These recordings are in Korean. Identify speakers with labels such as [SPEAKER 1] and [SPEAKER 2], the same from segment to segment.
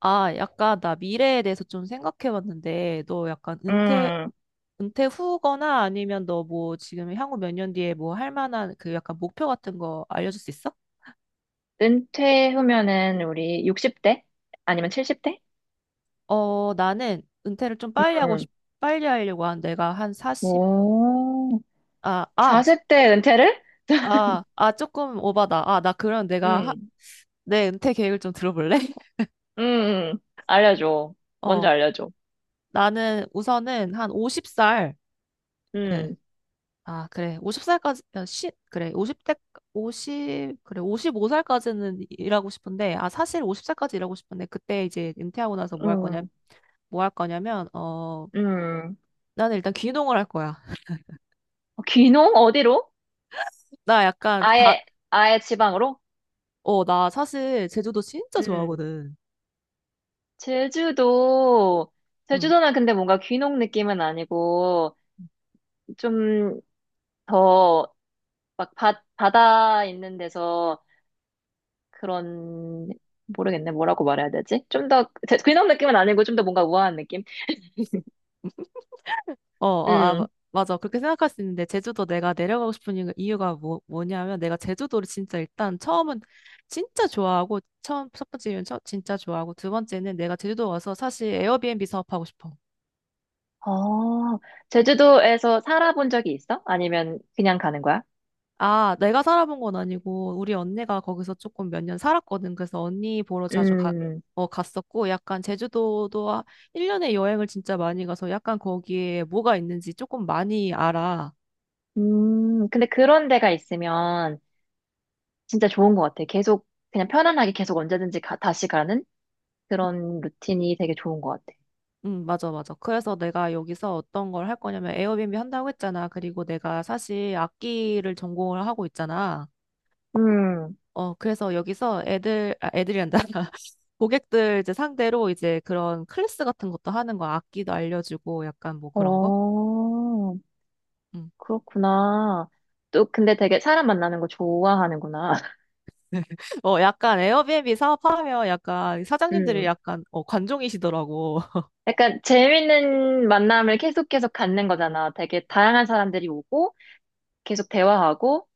[SPEAKER 1] 아, 약간 나 미래에 대해서 좀 생각해 봤는데, 너 약간
[SPEAKER 2] 음,
[SPEAKER 1] 은퇴 후거나 아니면 너 뭐 지금 향후 몇 년 뒤에 뭐 할 만한 그 약간 목표 같은 거 알려줄 수 있어?
[SPEAKER 2] 은퇴 후면은 우리 60대? 아니면 70대?
[SPEAKER 1] 어, 나는 은퇴를 좀
[SPEAKER 2] 음,
[SPEAKER 1] 빨리 하려고 한 내가 한 40,
[SPEAKER 2] 오,
[SPEAKER 1] 아, 아,
[SPEAKER 2] 40대 은퇴를?
[SPEAKER 1] 아, 아, 조금 오바다. 아, 나 그럼
[SPEAKER 2] 음,
[SPEAKER 1] 내 은퇴 계획을 좀 들어볼래?
[SPEAKER 2] 음, 음. 알려줘. 먼저
[SPEAKER 1] 어,
[SPEAKER 2] 알려줘.
[SPEAKER 1] 나는 우선은 한 50살,
[SPEAKER 2] 음,
[SPEAKER 1] 아, 그래. 5십살까지 그래. 5십대 오십 그래. 오십오 살까지는 일하고 싶은데, 아, 사실 50살까지 일하고 싶은데, 그때 이제 은퇴하고 나서 뭐
[SPEAKER 2] 음,
[SPEAKER 1] 뭐 할 거냐면, 어,
[SPEAKER 2] 음.
[SPEAKER 1] 나는 일단 귀농을 할 거야.
[SPEAKER 2] 귀농? 어디로?
[SPEAKER 1] 나 약간,
[SPEAKER 2] 아예, 아예 지방으로?
[SPEAKER 1] 어, 나 사실 제주도 진짜
[SPEAKER 2] 음.
[SPEAKER 1] 좋아하거든.
[SPEAKER 2] 제주도,
[SPEAKER 1] 응.
[SPEAKER 2] 제주도는 근데 뭔가 귀농 느낌은 아니고, 좀 더, 막 바다 있는 데서 그런 모르겠네. 뭐라고 말해야 되지? 좀 더 그냥 느낌은 아니고 좀 더 뭔가 우아한 느낌?
[SPEAKER 1] 어, 어, 아, 마-
[SPEAKER 2] 음.
[SPEAKER 1] 맞아. 그렇게 생각할 수 있는데, 제주도 내가 내려가고 싶은 이유가 뭐냐면, 내가 제주도를 진짜 일단 처음은 진짜 좋아하고, 첫 번째 이유는 진짜 좋아하고, 두 번째는 내가 제주도 와서 사실 에어비앤비 사업하고 싶어.
[SPEAKER 2] 어, 제주도에서 살아본 적이 있어? 아니면 그냥 가는 거야?
[SPEAKER 1] 아, 내가 살아본 건 아니고, 우리 언니가 거기서 조금 몇 년 살았거든. 그래서 언니 보러 자주 가,
[SPEAKER 2] 음.
[SPEAKER 1] 어, 갔었고, 약간 제주도도 1년에 여행을 진짜 많이 가서 약간 거기에 뭐가 있는지 조금 많이 알아.
[SPEAKER 2] 음. 근데 그런 데가 있으면 진짜 좋은 것 같아. 계속 그냥 편안하게 계속 언제든지 다시 가는 그런 루틴이 되게 좋은 것 같아.
[SPEAKER 1] 응, 맞아, 맞아. 그래서 내가 여기서 어떤 걸 할 거냐면 에어비앤비 한다고 했잖아. 그리고 내가 사실 악기를 전공을 하고 있잖아.
[SPEAKER 2] 음.
[SPEAKER 1] 어, 그래서 여기서 애들이 한다. 고객들 이제 상대로 이제 그런 클래스 같은 것도 하는 거, 악기도 알려주고 약간 뭐 그런 거?
[SPEAKER 2] 어,
[SPEAKER 1] 음.
[SPEAKER 2] 그렇구나. 또 근데 되게 사람 만나는 거 좋아하는구나.
[SPEAKER 1] 어, 약간 에어비앤비 사업하면 약간 사장님들이
[SPEAKER 2] 음.
[SPEAKER 1] 약간 어, 관종이시더라고.
[SPEAKER 2] 약간 재밌는 만남을 계속 계속 갖는 거잖아. 되게 다양한 사람들이 오고 계속 대화하고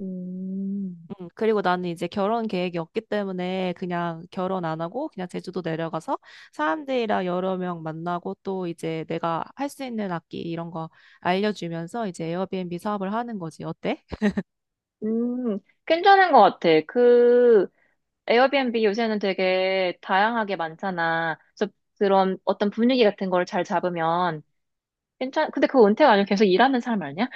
[SPEAKER 2] 음,
[SPEAKER 1] 그리고 나는 이제 결혼 계획이 없기 때문에 그냥 결혼 안 하고 그냥 제주도 내려가서 사람들이랑 여러 명 만나고 또 이제 내가 할 수 있는 악기 이런 거 알려주면서 이제 에어비앤비 사업을 하는 거지. 어때?
[SPEAKER 2] 음, 괜찮은 것 같아. 그, 에어비앤비 요새는 되게 다양하게 많잖아. 그래서 그런 어떤 분위기 같은 걸 잘 잡으면 근데 그거 은퇴가 아니고 계속 일하는 사람 아니야?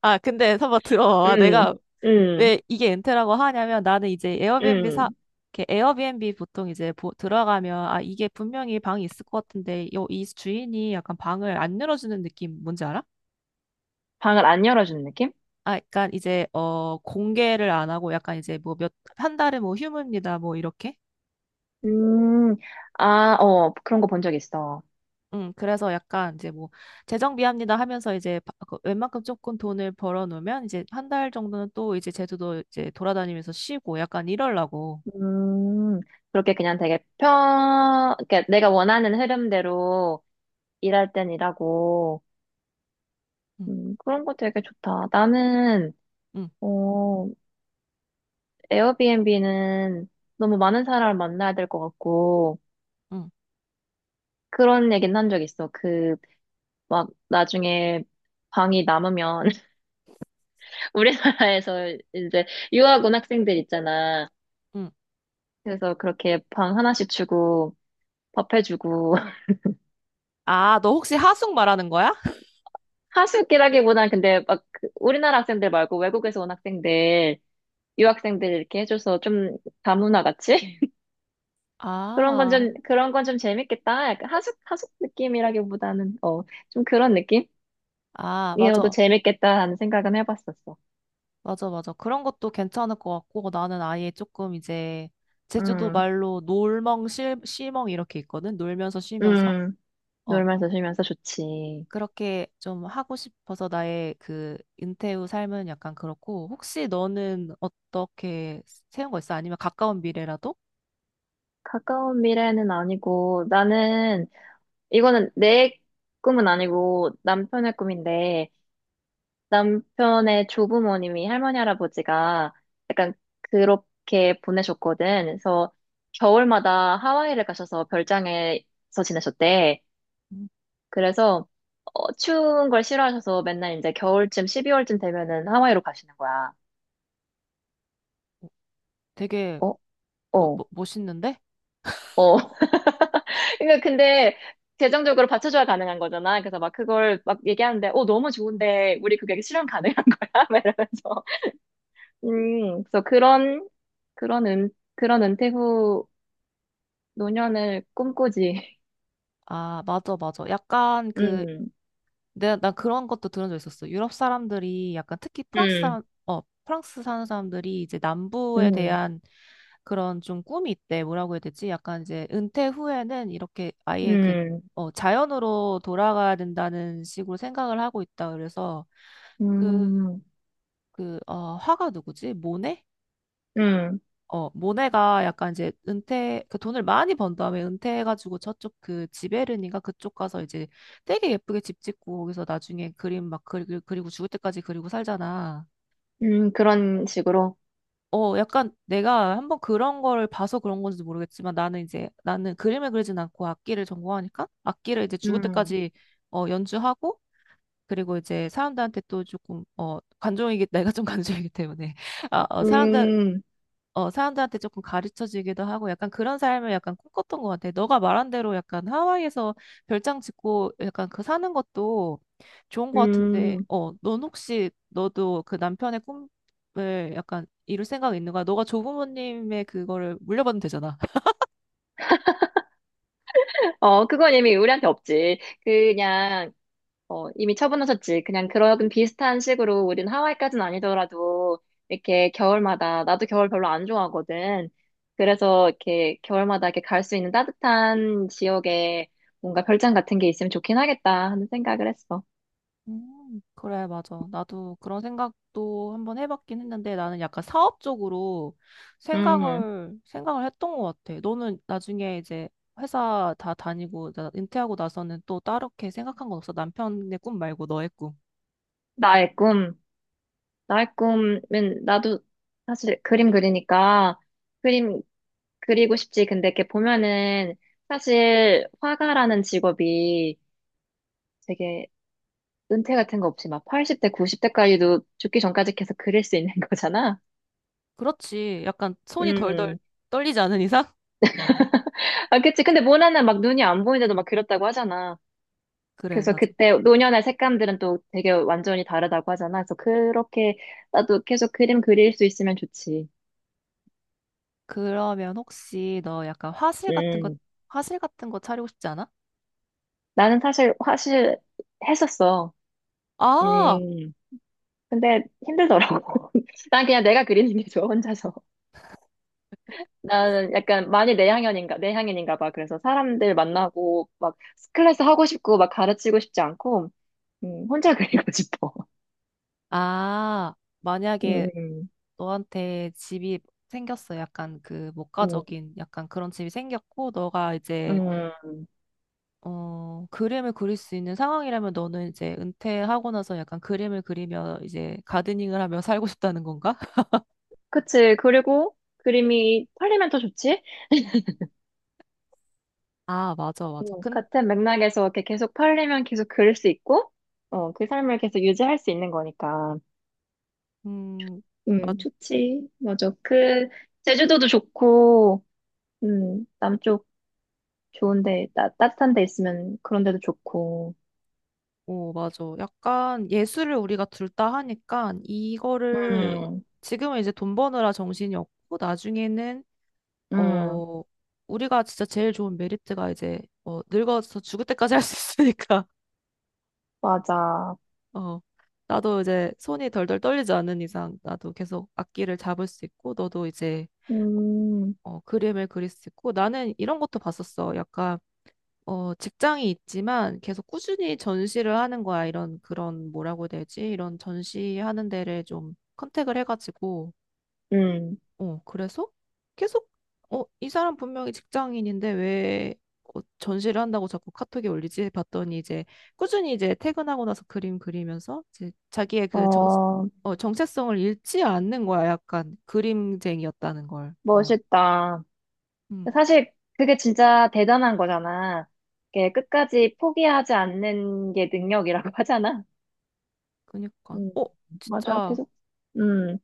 [SPEAKER 1] 아, 근데 한번 들어봐.
[SPEAKER 2] 음,
[SPEAKER 1] 내가
[SPEAKER 2] 음,
[SPEAKER 1] 왜 이게 엔트라고 하냐면 나는 이제 에어비앤비 사
[SPEAKER 2] 음.
[SPEAKER 1] 이렇게 에어비앤비 보통 들어가면 아 이게 분명히 방이 있을 것 같은데 요, 이 주인이 약간 방을 안 열어주는 느낌 뭔지 알아?
[SPEAKER 2] 방을 안 열어주는 느낌?
[SPEAKER 1] 아, 약간 이제 어 공개를 안 하고 약간 이제 뭐 몇 한 달에 뭐 휴무입니다 뭐 이렇게.
[SPEAKER 2] 음, 그런 거 본 적 있어.
[SPEAKER 1] 응. 그래서 약간 이제 뭐 재정비합니다 하면서 이제 그 웬만큼 조금 돈을 벌어 놓으면 이제 한 달 정도는 또 이제 제주도 이제 돌아다니면서 쉬고 약간 이러려고.
[SPEAKER 2] 음, 그렇게 그냥 되게. 그러니까 내가 원하는 흐름대로 일할 땐 일하고,
[SPEAKER 1] 응,
[SPEAKER 2] 그런 거 되게 좋다. 나는,
[SPEAKER 1] 응,
[SPEAKER 2] 어, 에어비앤비는 너무 많은 사람을 만나야 될 것 같고,
[SPEAKER 1] 응,
[SPEAKER 2] 그런 얘기는 한 적 있어. 그, 막, 나중에 방이 남으면, 우리나라에서 이제 유학 온 학생들 있잖아.
[SPEAKER 1] 응.
[SPEAKER 2] 그래서 그렇게 방 하나씩 주고, 밥 해주고,
[SPEAKER 1] 아, 너 혹시 하숙 말하는 거야?
[SPEAKER 2] 하숙이라기보다는 근데 막 우리나라 학생들 말고 외국에서 온 학생들, 유학생들 이렇게 해줘서 좀 다문화 같이? 그런 건
[SPEAKER 1] 아,
[SPEAKER 2] 좀, 그런 건 좀 재밌겠다. 약간 하숙 느낌이라기보다는, 좀 그런
[SPEAKER 1] 아,
[SPEAKER 2] 느낌이어도
[SPEAKER 1] 맞아.
[SPEAKER 2] 재밌겠다 하는 생각은 해봤었어.
[SPEAKER 1] 맞아, 맞아. 그런 것도 괜찮을 것 같고, 나는 아예 조금 이제, 제주도
[SPEAKER 2] 음,
[SPEAKER 1] 말로 놀멍, 실멍 이렇게 있거든? 놀면서 쉬면서?
[SPEAKER 2] 음,
[SPEAKER 1] 어.
[SPEAKER 2] 놀면서 쉬면서 좋지.
[SPEAKER 1] 그렇게 좀 하고 싶어서 나의 그 은퇴 후 삶은 약간 그렇고, 혹시 너는 어떻게 세운 거 있어? 아니면 가까운 미래라도?
[SPEAKER 2] 가까운 미래는 아니고, 나는, 이거는 내 꿈은 아니고 남편의 꿈인데, 남편의 조부모님이 할머니 할아버지가 약간 그렇게 보내셨거든. 그래서 겨울마다 하와이를 가셔서 별장에서 지내셨대.
[SPEAKER 1] 음.
[SPEAKER 2] 그래서 추운 걸 싫어하셔서 맨날 이제 겨울쯤 12월쯤 되면은 하와이로 가시는 거야.
[SPEAKER 1] 되게
[SPEAKER 2] 어, 어,
[SPEAKER 1] 멋있는데?
[SPEAKER 2] 어. 그러니까 근데 재정적으로 받쳐줘야 가능한 거잖아. 그래서 막 그걸 막 얘기하는데, 너무 좋은데 우리 그게 실현 가능한 거야? 막 이러면서. 그래서 그런 은 그런 은퇴 후 노년을 꿈꾸지.
[SPEAKER 1] 아, 맞아, 맞아. 약간 그
[SPEAKER 2] 음,
[SPEAKER 1] 내가 나 그런 것도 들은 적 있었어. 유럽 사람들이 약간 특히
[SPEAKER 2] 음,
[SPEAKER 1] 프랑스 사는 사람들이 이제 남부에
[SPEAKER 2] 음,
[SPEAKER 1] 대한 그런 좀 꿈이 있대. 뭐라고 해야 되지? 약간 이제 은퇴 후에는 이렇게 아예 그
[SPEAKER 2] 음,
[SPEAKER 1] 어, 자연으로 돌아가야 된다는 식으로 생각을 하고 있다. 그래서 그,
[SPEAKER 2] 음,
[SPEAKER 1] 어, 화가 누구지? 모네?
[SPEAKER 2] 음,
[SPEAKER 1] 어, 모네가 약간 이제 은퇴, 그 돈을 많이 번 다음에 은퇴해가지고 저쪽 그 지베르니가 그쪽 가서 이제 되게 예쁘게 집 짓고 거기서 나중에 그림 막 그리고 죽을 때까지 그리고 살잖아.
[SPEAKER 2] 음. 그런 식으로.
[SPEAKER 1] 어, 약간 내가 한번 그런 걸 봐서 그런 건지도 모르겠지만 나는 이제 나는 그림을 그리진 않고 악기를 전공하니까 악기를 이제 죽을
[SPEAKER 2] 음,
[SPEAKER 1] 때까지 어, 연주하고 그리고 이제 사람들한테 또 조금 어, 내가 좀 관종이기 때문에 아, 어, 사람들
[SPEAKER 2] 음,
[SPEAKER 1] 어, 사람들한테 조금 가르쳐지기도 하고 약간 그런 삶을 약간 꿈꿨던 것 같아. 너가 말한 대로 약간 하와이에서 별장 짓고 약간 그 사는 것도 좋은 것 같은데,
[SPEAKER 2] 음.
[SPEAKER 1] 어, 넌 혹시 너도 그 남편의 꿈을 약간 이룰 생각 있는 거야? 너가 조부모님의 그거를 물려받으면 되잖아.
[SPEAKER 2] 그건 이미 우리한테 없지. 그냥, 이미 처분하셨지. 그냥 그런 비슷한 식으로 우린 하와이까지는 아니더라도 이렇게 겨울마다, 나도 겨울 별로 안 좋아하거든. 그래서 이렇게 겨울마다 이렇게 갈 수 있는 따뜻한 지역에 뭔가 별장 같은 게 있으면 좋긴 하겠다 하는 생각을 했어.
[SPEAKER 1] 그래, 맞아. 나도 그런 생각도 한번 해봤긴 했는데 나는 약간 사업적으로 생각을 했던 것 같아. 너는 나중에 이제 회사 다 다니고, 은퇴하고 나서는 또 따로 이렇게 생각한 건 없어. 남편의 꿈 말고 너의 꿈.
[SPEAKER 2] 나의 꿈. 나의 꿈은 나도 사실 그림 그리니까 그림 그리고 싶지. 근데 이렇게 보면은 사실 화가라는 직업이 되게 은퇴 같은 거 없이 막 80대, 90대까지도 죽기 전까지 계속 그릴 수 있는 거잖아.
[SPEAKER 1] 그렇지. 약간 손이 덜덜
[SPEAKER 2] 음.
[SPEAKER 1] 떨리지 않은 이상?
[SPEAKER 2] 아, 그치. 근데 모나는 막 눈이 안 보이는데도 막 그렸다고 하잖아.
[SPEAKER 1] 그래,
[SPEAKER 2] 그래서
[SPEAKER 1] 맞아.
[SPEAKER 2] 그때 노년의 색감들은 또 되게 완전히 다르다고 하잖아. 그래서 그렇게 나도 계속 그림 그릴 수 있으면 좋지.
[SPEAKER 1] 그러면 혹시 너 약간
[SPEAKER 2] 음.
[SPEAKER 1] 화실 같은 거 차리고 싶지 않아?
[SPEAKER 2] 나는 사실 했었어.
[SPEAKER 1] 아!
[SPEAKER 2] 음, 근데 힘들더라고. 난 그냥 내가 그리는 게 좋아, 혼자서. 나는 약간 많이 내향형인가, 내향인인가 봐. 그래서 사람들 만나고, 막, 클래스 하고 싶고, 막 가르치고 싶지 않고, 혼자 그리고 싶어.
[SPEAKER 1] 아, 만약에
[SPEAKER 2] 음,
[SPEAKER 1] 너한테 집이 생겼어. 약간 그
[SPEAKER 2] 음,
[SPEAKER 1] 목가적인 약간 그런 집이 생겼고, 너가 이제
[SPEAKER 2] 음,
[SPEAKER 1] 어 그림을 그릴 수 있는 상황이라면 너는 이제 은퇴하고 나서 약간 그림을 그리며 이제 가드닝을 하며 살고 싶다는 건가?
[SPEAKER 2] 그치. 그리고 그림이 팔리면 더 좋지?
[SPEAKER 1] 아, 맞아, 맞아.
[SPEAKER 2] 같은 맥락에서 이렇게 계속 팔리면 계속 그릴 수 있고, 그 삶을 계속 유지할 수 있는 거니까.
[SPEAKER 1] 음, 맞,
[SPEAKER 2] 좋지. 맞아. 그, 제주도도 좋고, 남쪽 좋은데, 따뜻한 데 있으면 그런 데도 좋고.
[SPEAKER 1] 오, 맞아. 약간 예술을 우리가 둘 다 하니까 이거를
[SPEAKER 2] 음,
[SPEAKER 1] 지금은 이제 돈 버느라 정신이 없고 나중에는
[SPEAKER 2] 음,
[SPEAKER 1] 어, 우리가 진짜 제일 좋은 메리트가 이제, 어, 늙어서 죽을 때까지 할 수 있으니까,
[SPEAKER 2] 맞아.
[SPEAKER 1] 어, 나도 이제 손이 덜덜 떨리지 않는 이상, 나도 계속 악기를 잡을 수 있고, 너도 이제,
[SPEAKER 2] 음,
[SPEAKER 1] 어, 그림을 그릴 수 있고, 나는 이런 것도 봤었어. 약간, 어, 직장이 있지만 계속 꾸준히 전시를 하는 거야. 뭐라고 해야 되지? 이런 전시하는 데를 좀 컨택을 해가지고,
[SPEAKER 2] 음,
[SPEAKER 1] 어, 그래서 계속, 어, 이 사람 분명히 직장인인데 왜 어, 전시를 한다고 자꾸 카톡에 올리지? 봤더니 이제 꾸준히 이제 퇴근하고 나서 그림 그리면서 이제 자기의
[SPEAKER 2] 어,
[SPEAKER 1] 어, 정체성을 잃지 않는 거야. 약간 그림쟁이였다는 걸. 어,
[SPEAKER 2] 멋있다.
[SPEAKER 1] 음,
[SPEAKER 2] 사실 그게 진짜 대단한 거잖아. 이게 끝까지 포기하지 않는 게 능력이라고 하잖아.
[SPEAKER 1] 그니까.
[SPEAKER 2] 음,
[SPEAKER 1] 어,
[SPEAKER 2] 맞아.
[SPEAKER 1] 진짜,
[SPEAKER 2] 계속. 음.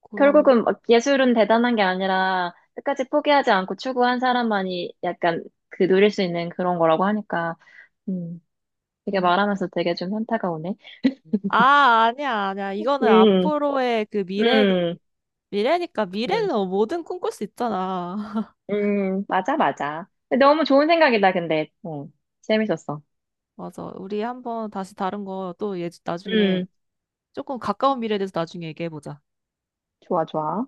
[SPEAKER 1] 그러면,
[SPEAKER 2] 결국은 막 예술은 대단한 게 아니라 끝까지 포기하지 않고 추구한 사람만이 약간 그 누릴 수 있는 그런 거라고 하니까, 음, 되게
[SPEAKER 1] 음.
[SPEAKER 2] 말하면서 되게 좀 현타가 오네.
[SPEAKER 1] 아, 아니야, 아니야. 이거는
[SPEAKER 2] 음,
[SPEAKER 1] 앞으로의
[SPEAKER 2] 음,
[SPEAKER 1] 미래니까
[SPEAKER 2] 음,
[SPEAKER 1] 미래는 뭐든 꿈꿀 수 있잖아.
[SPEAKER 2] 맞아, 맞아. 너무 좋은 생각이다, 근데. 재밌었어.
[SPEAKER 1] 맞아. 우리 한번 다시 다른 거 또 예, 나중에
[SPEAKER 2] 음,
[SPEAKER 1] 조금 가까운 미래에 대해서 나중에 얘기해보자.
[SPEAKER 2] 좋아, 좋아.